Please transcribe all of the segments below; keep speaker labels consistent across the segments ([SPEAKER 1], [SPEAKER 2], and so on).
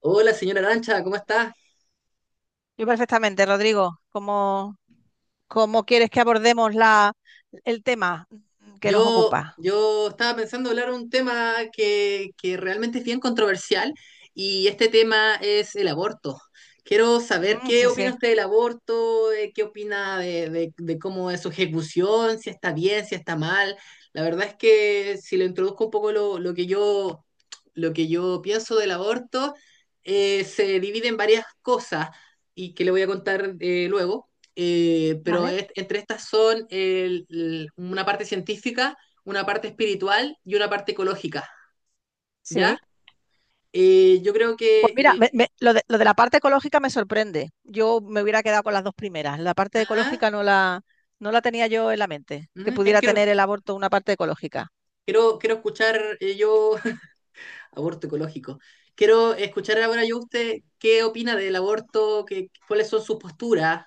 [SPEAKER 1] Hola, señora Arancha, ¿cómo está?
[SPEAKER 2] Yo perfectamente, Rodrigo. ¿Cómo quieres que abordemos el tema que nos
[SPEAKER 1] Yo,
[SPEAKER 2] ocupa?
[SPEAKER 1] yo estaba pensando hablar un tema que realmente es bien controversial y este tema es el aborto. Quiero saber qué
[SPEAKER 2] Sí,
[SPEAKER 1] opina
[SPEAKER 2] sí,
[SPEAKER 1] usted del aborto, qué opina de cómo es su ejecución, si está bien, si está mal. La verdad es que si le introduzco un poco lo que yo pienso del aborto, se divide en varias cosas y que le voy a contar luego. Pero
[SPEAKER 2] vale.
[SPEAKER 1] entre estas son una parte científica, una parte espiritual y una parte ecológica, ¿ya?
[SPEAKER 2] Sí.
[SPEAKER 1] Yo creo
[SPEAKER 2] Pues
[SPEAKER 1] que...
[SPEAKER 2] mira,
[SPEAKER 1] eh,
[SPEAKER 2] lo de la parte ecológica me sorprende. Yo me hubiera quedado con las dos primeras. La parte
[SPEAKER 1] ajá,
[SPEAKER 2] ecológica no la tenía yo en la mente,
[SPEAKER 1] ujú,
[SPEAKER 2] que pudiera
[SPEAKER 1] quiero,
[SPEAKER 2] tener el aborto una parte ecológica.
[SPEAKER 1] quiero escuchar yo... Aborto ecológico. Quiero escuchar ahora yo usted qué opina del aborto, qué, cuáles son sus posturas,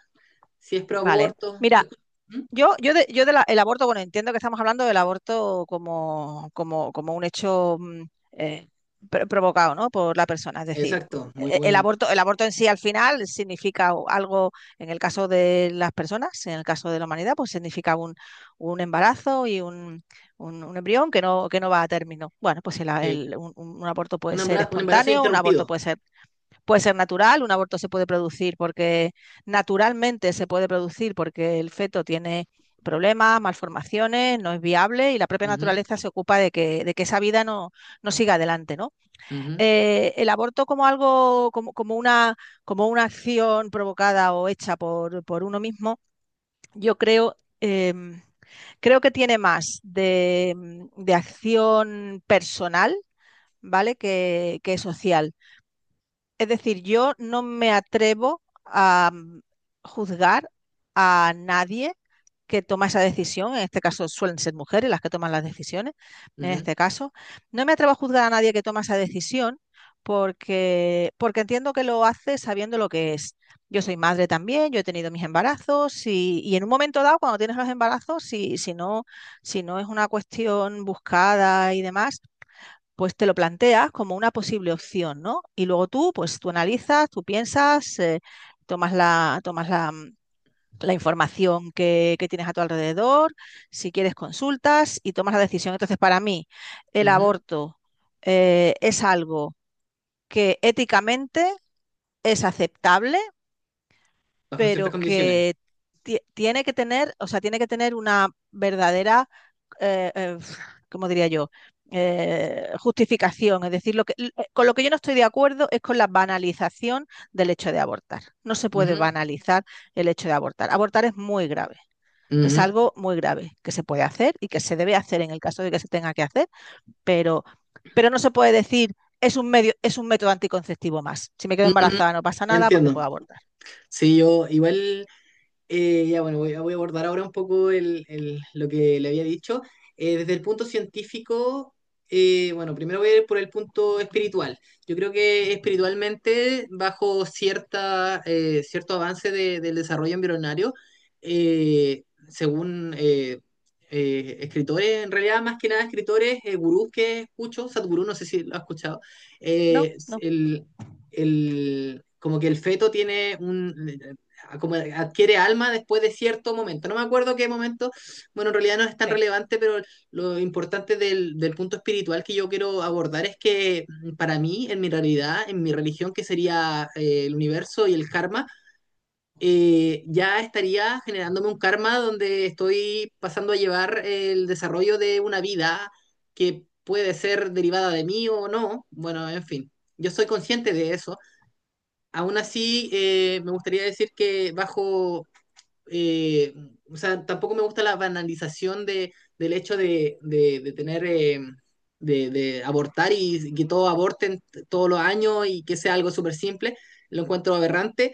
[SPEAKER 1] si es pro
[SPEAKER 2] Vale.
[SPEAKER 1] aborto.
[SPEAKER 2] Mira,
[SPEAKER 1] Ujú.
[SPEAKER 2] Yo de el aborto, bueno, entiendo que estamos hablando del aborto como un hecho eh, provocado, ¿no?, por la persona. Es decir,
[SPEAKER 1] Exacto, muy buen...
[SPEAKER 2] el aborto en sí al final significa algo, en el caso de las personas, en el caso de la humanidad, pues significa un embarazo y un embrión que no va a término. Bueno, pues
[SPEAKER 1] Sí.
[SPEAKER 2] un aborto puede ser
[SPEAKER 1] Un embarazo
[SPEAKER 2] espontáneo, un aborto
[SPEAKER 1] interrumpido.
[SPEAKER 2] puede ser natural, un aborto se puede producir porque naturalmente se puede producir porque el feto tiene problemas, malformaciones, no es viable y la propia
[SPEAKER 1] Ujú,
[SPEAKER 2] naturaleza se ocupa de de que esa vida no siga adelante, ¿no?
[SPEAKER 1] ujú,
[SPEAKER 2] El aborto como algo, una, como una acción provocada o hecha por uno mismo, yo creo, creo que tiene más de acción personal, ¿vale? Social. Es decir, yo no me atrevo a juzgar a nadie que toma esa decisión. En este caso suelen ser mujeres las que toman las decisiones. En
[SPEAKER 1] ujú,
[SPEAKER 2] este caso, no me atrevo a juzgar a nadie que toma esa decisión porque, porque entiendo que lo hace sabiendo lo que es. Yo soy madre también, yo he tenido mis embarazos y en un momento dado, cuando tienes los embarazos, si no es una cuestión buscada y demás, pues te lo planteas como una posible opción, ¿no? Y luego tú, pues tú analizas, tú piensas, tomas la información que tienes a tu alrededor, si quieres consultas y tomas la decisión. Entonces, para mí, el
[SPEAKER 1] ujú.
[SPEAKER 2] aborto es algo que éticamente es aceptable,
[SPEAKER 1] Bajo ciertas
[SPEAKER 2] pero
[SPEAKER 1] condiciones.
[SPEAKER 2] que tiene que tener, o sea, tiene que tener una verdadera, eh, eh, ¿cómo diría yo? Justificación. Es decir, con lo que yo no estoy de acuerdo es con la banalización del hecho de abortar. No se puede
[SPEAKER 1] Ujú,
[SPEAKER 2] banalizar el hecho de abortar. Abortar es muy grave. Es
[SPEAKER 1] ujú.
[SPEAKER 2] algo muy grave que se puede hacer y que se debe hacer en el caso de que se tenga que hacer, pero, pero no se puede decir es un medio, es un método anticonceptivo más. Si me quedo
[SPEAKER 1] Ujú.
[SPEAKER 2] embarazada no pasa nada porque
[SPEAKER 1] Entiendo.
[SPEAKER 2] puedo abortar.
[SPEAKER 1] Sí, yo igual, ya bueno, voy, voy a abordar ahora un poco lo que le había dicho. Desde el punto científico, bueno, primero voy a ir por el punto espiritual. Yo creo que espiritualmente, bajo cierta, cierto avance del desarrollo embrionario, eh, según escritores, en realidad más que nada escritores, gurús que escucho, Sadhguru, no sé si lo has escuchado,
[SPEAKER 2] No,
[SPEAKER 1] eh,
[SPEAKER 2] no.
[SPEAKER 1] el, como que el feto tiene un, como adquiere alma después de cierto momento. No me acuerdo qué momento, bueno, en realidad no es tan
[SPEAKER 2] Sí.
[SPEAKER 1] relevante, pero lo importante del, del punto espiritual que yo quiero abordar es que para mí, en mi realidad, en mi religión, que sería el universo y el karma, ya estaría generándome un karma donde estoy pasando a llevar el desarrollo de una vida que puede ser derivada de mí o no. Bueno, en fin. Yo soy consciente de eso. Aún así, me gustaría decir que bajo eh, o sea, tampoco me gusta la banalización del hecho de tener, de abortar y que todos aborten todos los años y que sea algo súper simple. Lo encuentro aberrante.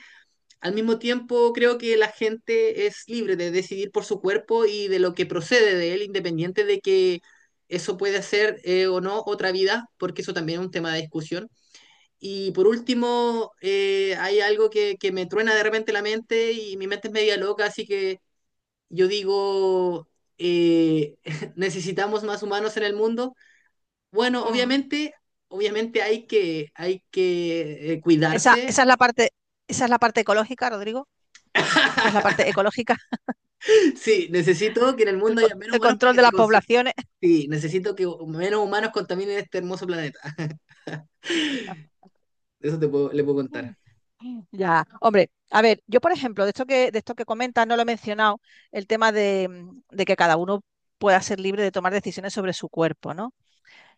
[SPEAKER 1] Al mismo tiempo, creo que la gente es libre de decidir por su cuerpo y de lo que procede de él, independiente de que eso puede hacer o no otra vida, porque eso también es un tema de discusión. Y por último, hay algo que me truena de repente la mente y mi mente es media loca, así que yo digo, eh, necesitamos más humanos en el mundo. Bueno,
[SPEAKER 2] Mm.
[SPEAKER 1] obviamente, obviamente hay hay que cuidarse.
[SPEAKER 2] Esa es la parte, esa es la parte ecológica, Rodrigo. Esa es la parte ecológica,
[SPEAKER 1] Sí, necesito que en el
[SPEAKER 2] el,
[SPEAKER 1] mundo haya menos
[SPEAKER 2] el
[SPEAKER 1] humanos para
[SPEAKER 2] control
[SPEAKER 1] que
[SPEAKER 2] de
[SPEAKER 1] se
[SPEAKER 2] las
[SPEAKER 1] consuma.
[SPEAKER 2] poblaciones.
[SPEAKER 1] Sí, necesito que menos humanos contaminen este hermoso planeta. Eso te puedo, le puedo contar.
[SPEAKER 2] Ya, hombre, a ver, yo por ejemplo, de esto de esto que comentas, no lo he mencionado, el tema de, de que cada uno pueda ser libre de tomar decisiones sobre su cuerpo, ¿no?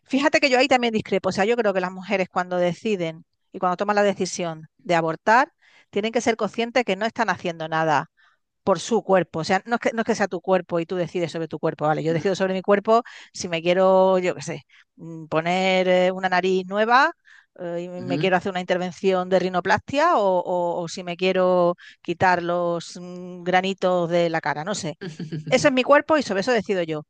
[SPEAKER 2] Fíjate que yo ahí también discrepo. O sea, yo creo que las mujeres cuando deciden y cuando toman la decisión de abortar, tienen que ser conscientes que no están haciendo nada por su cuerpo. O sea, no es que sea tu cuerpo y tú decides sobre tu cuerpo, ¿vale? Yo
[SPEAKER 1] Ujú,
[SPEAKER 2] decido sobre mi cuerpo si me quiero, yo qué sé, poner una nariz nueva, y me
[SPEAKER 1] ujú.
[SPEAKER 2] quiero hacer una intervención de rinoplastia o, si me quiero quitar los granitos de la cara, no sé. Eso es mi cuerpo y sobre eso decido yo.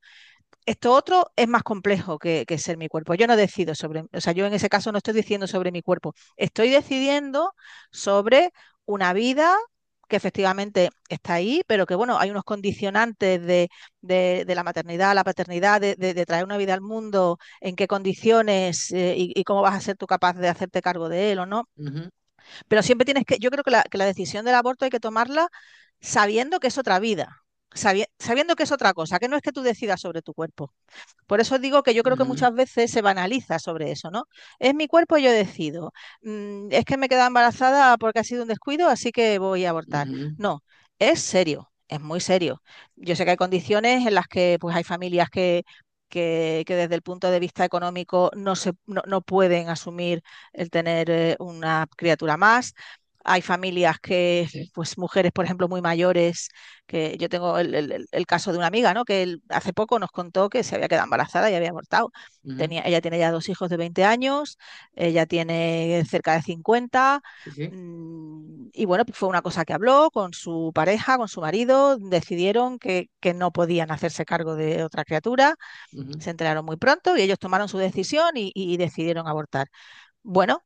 [SPEAKER 2] Esto otro es más complejo que ser mi cuerpo. Yo no decido sobre, o sea, yo en ese caso no estoy diciendo sobre mi cuerpo, estoy decidiendo sobre una vida que efectivamente está ahí, pero que bueno, hay unos condicionantes de la maternidad, la paternidad, de traer una vida al mundo, en qué condiciones, cómo vas a ser tú capaz de hacerte cargo de él o no.
[SPEAKER 1] Ujú,
[SPEAKER 2] Pero siempre tienes que, yo creo que la decisión del aborto hay que tomarla sabiendo que es otra vida, sabiendo que es otra cosa, que no es que tú decidas sobre tu cuerpo, por eso digo que yo creo que
[SPEAKER 1] ujú,
[SPEAKER 2] muchas veces se banaliza sobre eso, ¿no? Es mi cuerpo, y yo decido. Mm, es que me queda embarazada porque ha sido un descuido, así que voy a abortar.
[SPEAKER 1] ujú,
[SPEAKER 2] No, es serio, es muy serio. Yo sé que hay condiciones en las que pues, hay familias que desde el punto de vista económico no, se, no, no pueden asumir el tener, una criatura más. Hay familias que, pues mujeres, por ejemplo, muy mayores, que yo tengo el caso de una amiga, ¿no? Que él hace poco nos contó que se había quedado embarazada y había abortado.
[SPEAKER 1] ujú.
[SPEAKER 2] Tenía, ella tiene ya dos hijos de 20 años, ella tiene cerca de 50,
[SPEAKER 1] Sí, sí.
[SPEAKER 2] y bueno, pues fue una cosa que habló con su pareja, con su marido, decidieron que no podían hacerse cargo de otra criatura,
[SPEAKER 1] Ujú.
[SPEAKER 2] se enteraron muy pronto y ellos tomaron su decisión y decidieron abortar. Bueno,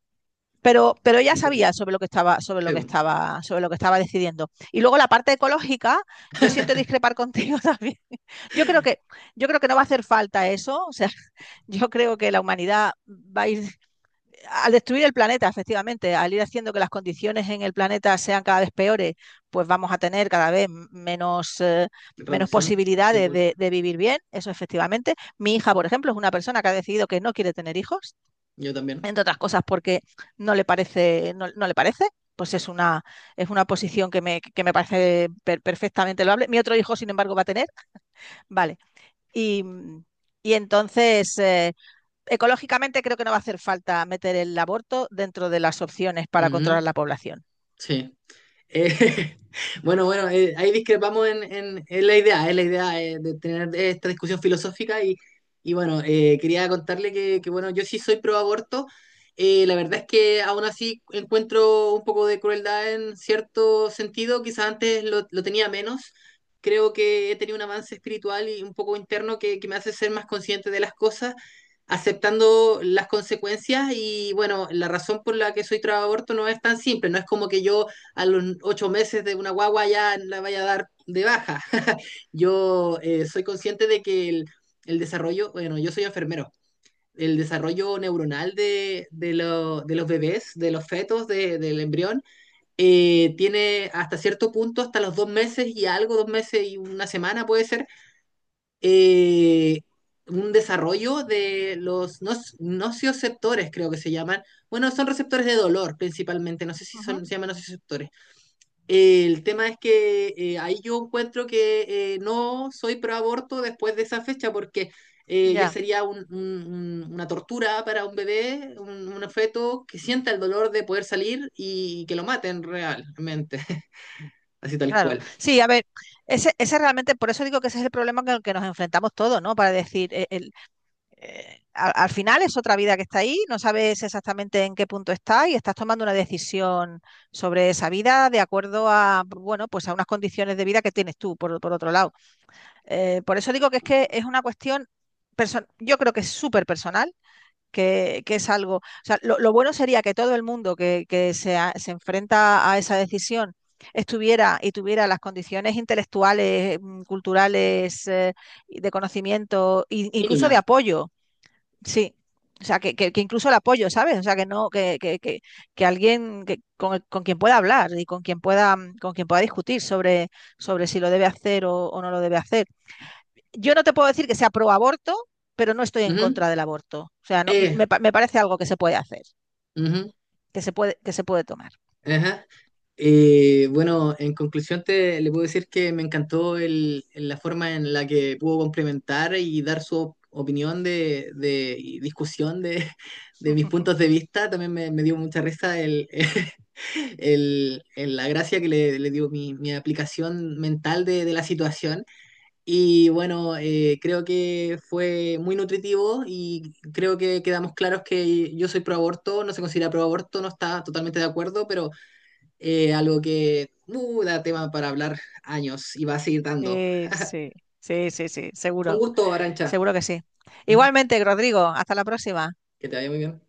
[SPEAKER 2] pero ella sabía
[SPEAKER 1] Entiendo.
[SPEAKER 2] sobre lo que estaba, sobre lo
[SPEAKER 1] Sí,
[SPEAKER 2] que
[SPEAKER 1] bueno,
[SPEAKER 2] estaba, sobre lo que estaba decidiendo. Y luego la parte ecológica, yo siento discrepar contigo también. Yo creo que, yo creo que no va a hacer falta eso. O sea, yo creo que la humanidad va a ir al destruir el planeta, efectivamente, al ir haciendo que las condiciones en el planeta sean cada vez peores, pues vamos a tener cada vez menos, menos
[SPEAKER 1] reducción de
[SPEAKER 2] posibilidades de vivir bien, eso efectivamente. Mi hija, por ejemplo, es una persona que ha decidido que no quiere tener hijos
[SPEAKER 1] Yo también.
[SPEAKER 2] entre otras cosas porque no le parece, no le parece, pues es una posición que me parece perfectamente loable. Mi otro hijo, sin embargo, va a tener, vale. Y, y entonces, ecológicamente creo que no va a hacer falta meter el aborto dentro de las opciones para controlar
[SPEAKER 1] Ujú.
[SPEAKER 2] la población.
[SPEAKER 1] Sí. Eh, bueno, bueno, ahí discrepamos en, en la idea, es la idea de tener esta discusión filosófica y bueno, quería contarle bueno, yo sí soy pro aborto, la verdad es que aún así encuentro un poco de crueldad en cierto sentido, quizás antes lo tenía menos, creo que he tenido un avance espiritual y un poco interno que me hace ser más consciente de las cosas, aceptando las consecuencias y bueno, la razón por la que soy pro aborto no es tan simple, no es como que yo a los 8 meses de una guagua ya la vaya a dar de baja. Yo soy consciente de que el, desarrollo, bueno, yo soy enfermero, el desarrollo neuronal de los bebés, de los fetos, de, del embrión, tiene hasta cierto punto, hasta los 2 meses y algo, 2 meses y 1 semana puede ser, eh, un desarrollo de los nocioceptores, creo que se llaman. Bueno, son receptores de dolor principalmente, no sé si
[SPEAKER 2] Ujú.
[SPEAKER 1] son, se llaman nocioceptores. El tema es que ahí yo encuentro que no soy pro aborto después de esa fecha porque ya
[SPEAKER 2] Ya,
[SPEAKER 1] sería una tortura para un bebé, un feto que sienta el dolor de poder salir y que lo maten realmente, así tal
[SPEAKER 2] claro.
[SPEAKER 1] cual.
[SPEAKER 2] Sí, a ver, ese realmente, por eso digo que ese es el problema con el que nos enfrentamos todos, ¿no? Para decir, final es otra vida que está ahí, no sabes exactamente en qué punto está y estás tomando una decisión sobre esa vida de acuerdo a, bueno, pues a unas condiciones de vida que tienes tú, por otro lado. Por eso digo que es una cuestión, yo creo que es súper personal, es algo, o sea, bueno sería que todo el mundo se enfrenta a esa decisión estuviera y tuviera las condiciones intelectuales, culturales, y de conocimiento, e incluso de
[SPEAKER 1] Mínima.
[SPEAKER 2] apoyo. Sí, o sea, que incluso el apoyo, ¿sabes? O sea, que no, que alguien con quien pueda hablar y con quien pueda, con quien pueda discutir sobre, sobre si lo debe hacer o no lo debe hacer. Yo no te puedo decir que sea pro aborto, pero no estoy en
[SPEAKER 1] Ujú.
[SPEAKER 2] contra del aborto. O sea, no,
[SPEAKER 1] Eh,
[SPEAKER 2] me, pa- me parece algo que se puede hacer,
[SPEAKER 1] Ujú,
[SPEAKER 2] que se puede tomar.
[SPEAKER 1] ajá. Bueno, en conclusión te le puedo decir que me encantó el, la forma en la que pudo complementar y dar su opinión y discusión de, de mis puntos de vista. También me dio mucha risa el, la gracia que le dio mi, mi aplicación mental de la situación. Y bueno, creo que fue muy nutritivo y creo que quedamos claros que yo soy pro aborto, no se considera pro aborto, no está totalmente de acuerdo, pero... Algo que da tema para hablar años y va a seguir dando.
[SPEAKER 2] Sí, sí, sí, sí, sí,
[SPEAKER 1] Con
[SPEAKER 2] seguro,
[SPEAKER 1] gusto, Arancha.
[SPEAKER 2] seguro que sí.
[SPEAKER 1] ¿Mm?
[SPEAKER 2] Igualmente, Rodrigo, hasta la próxima.
[SPEAKER 1] Que te vaya muy bien.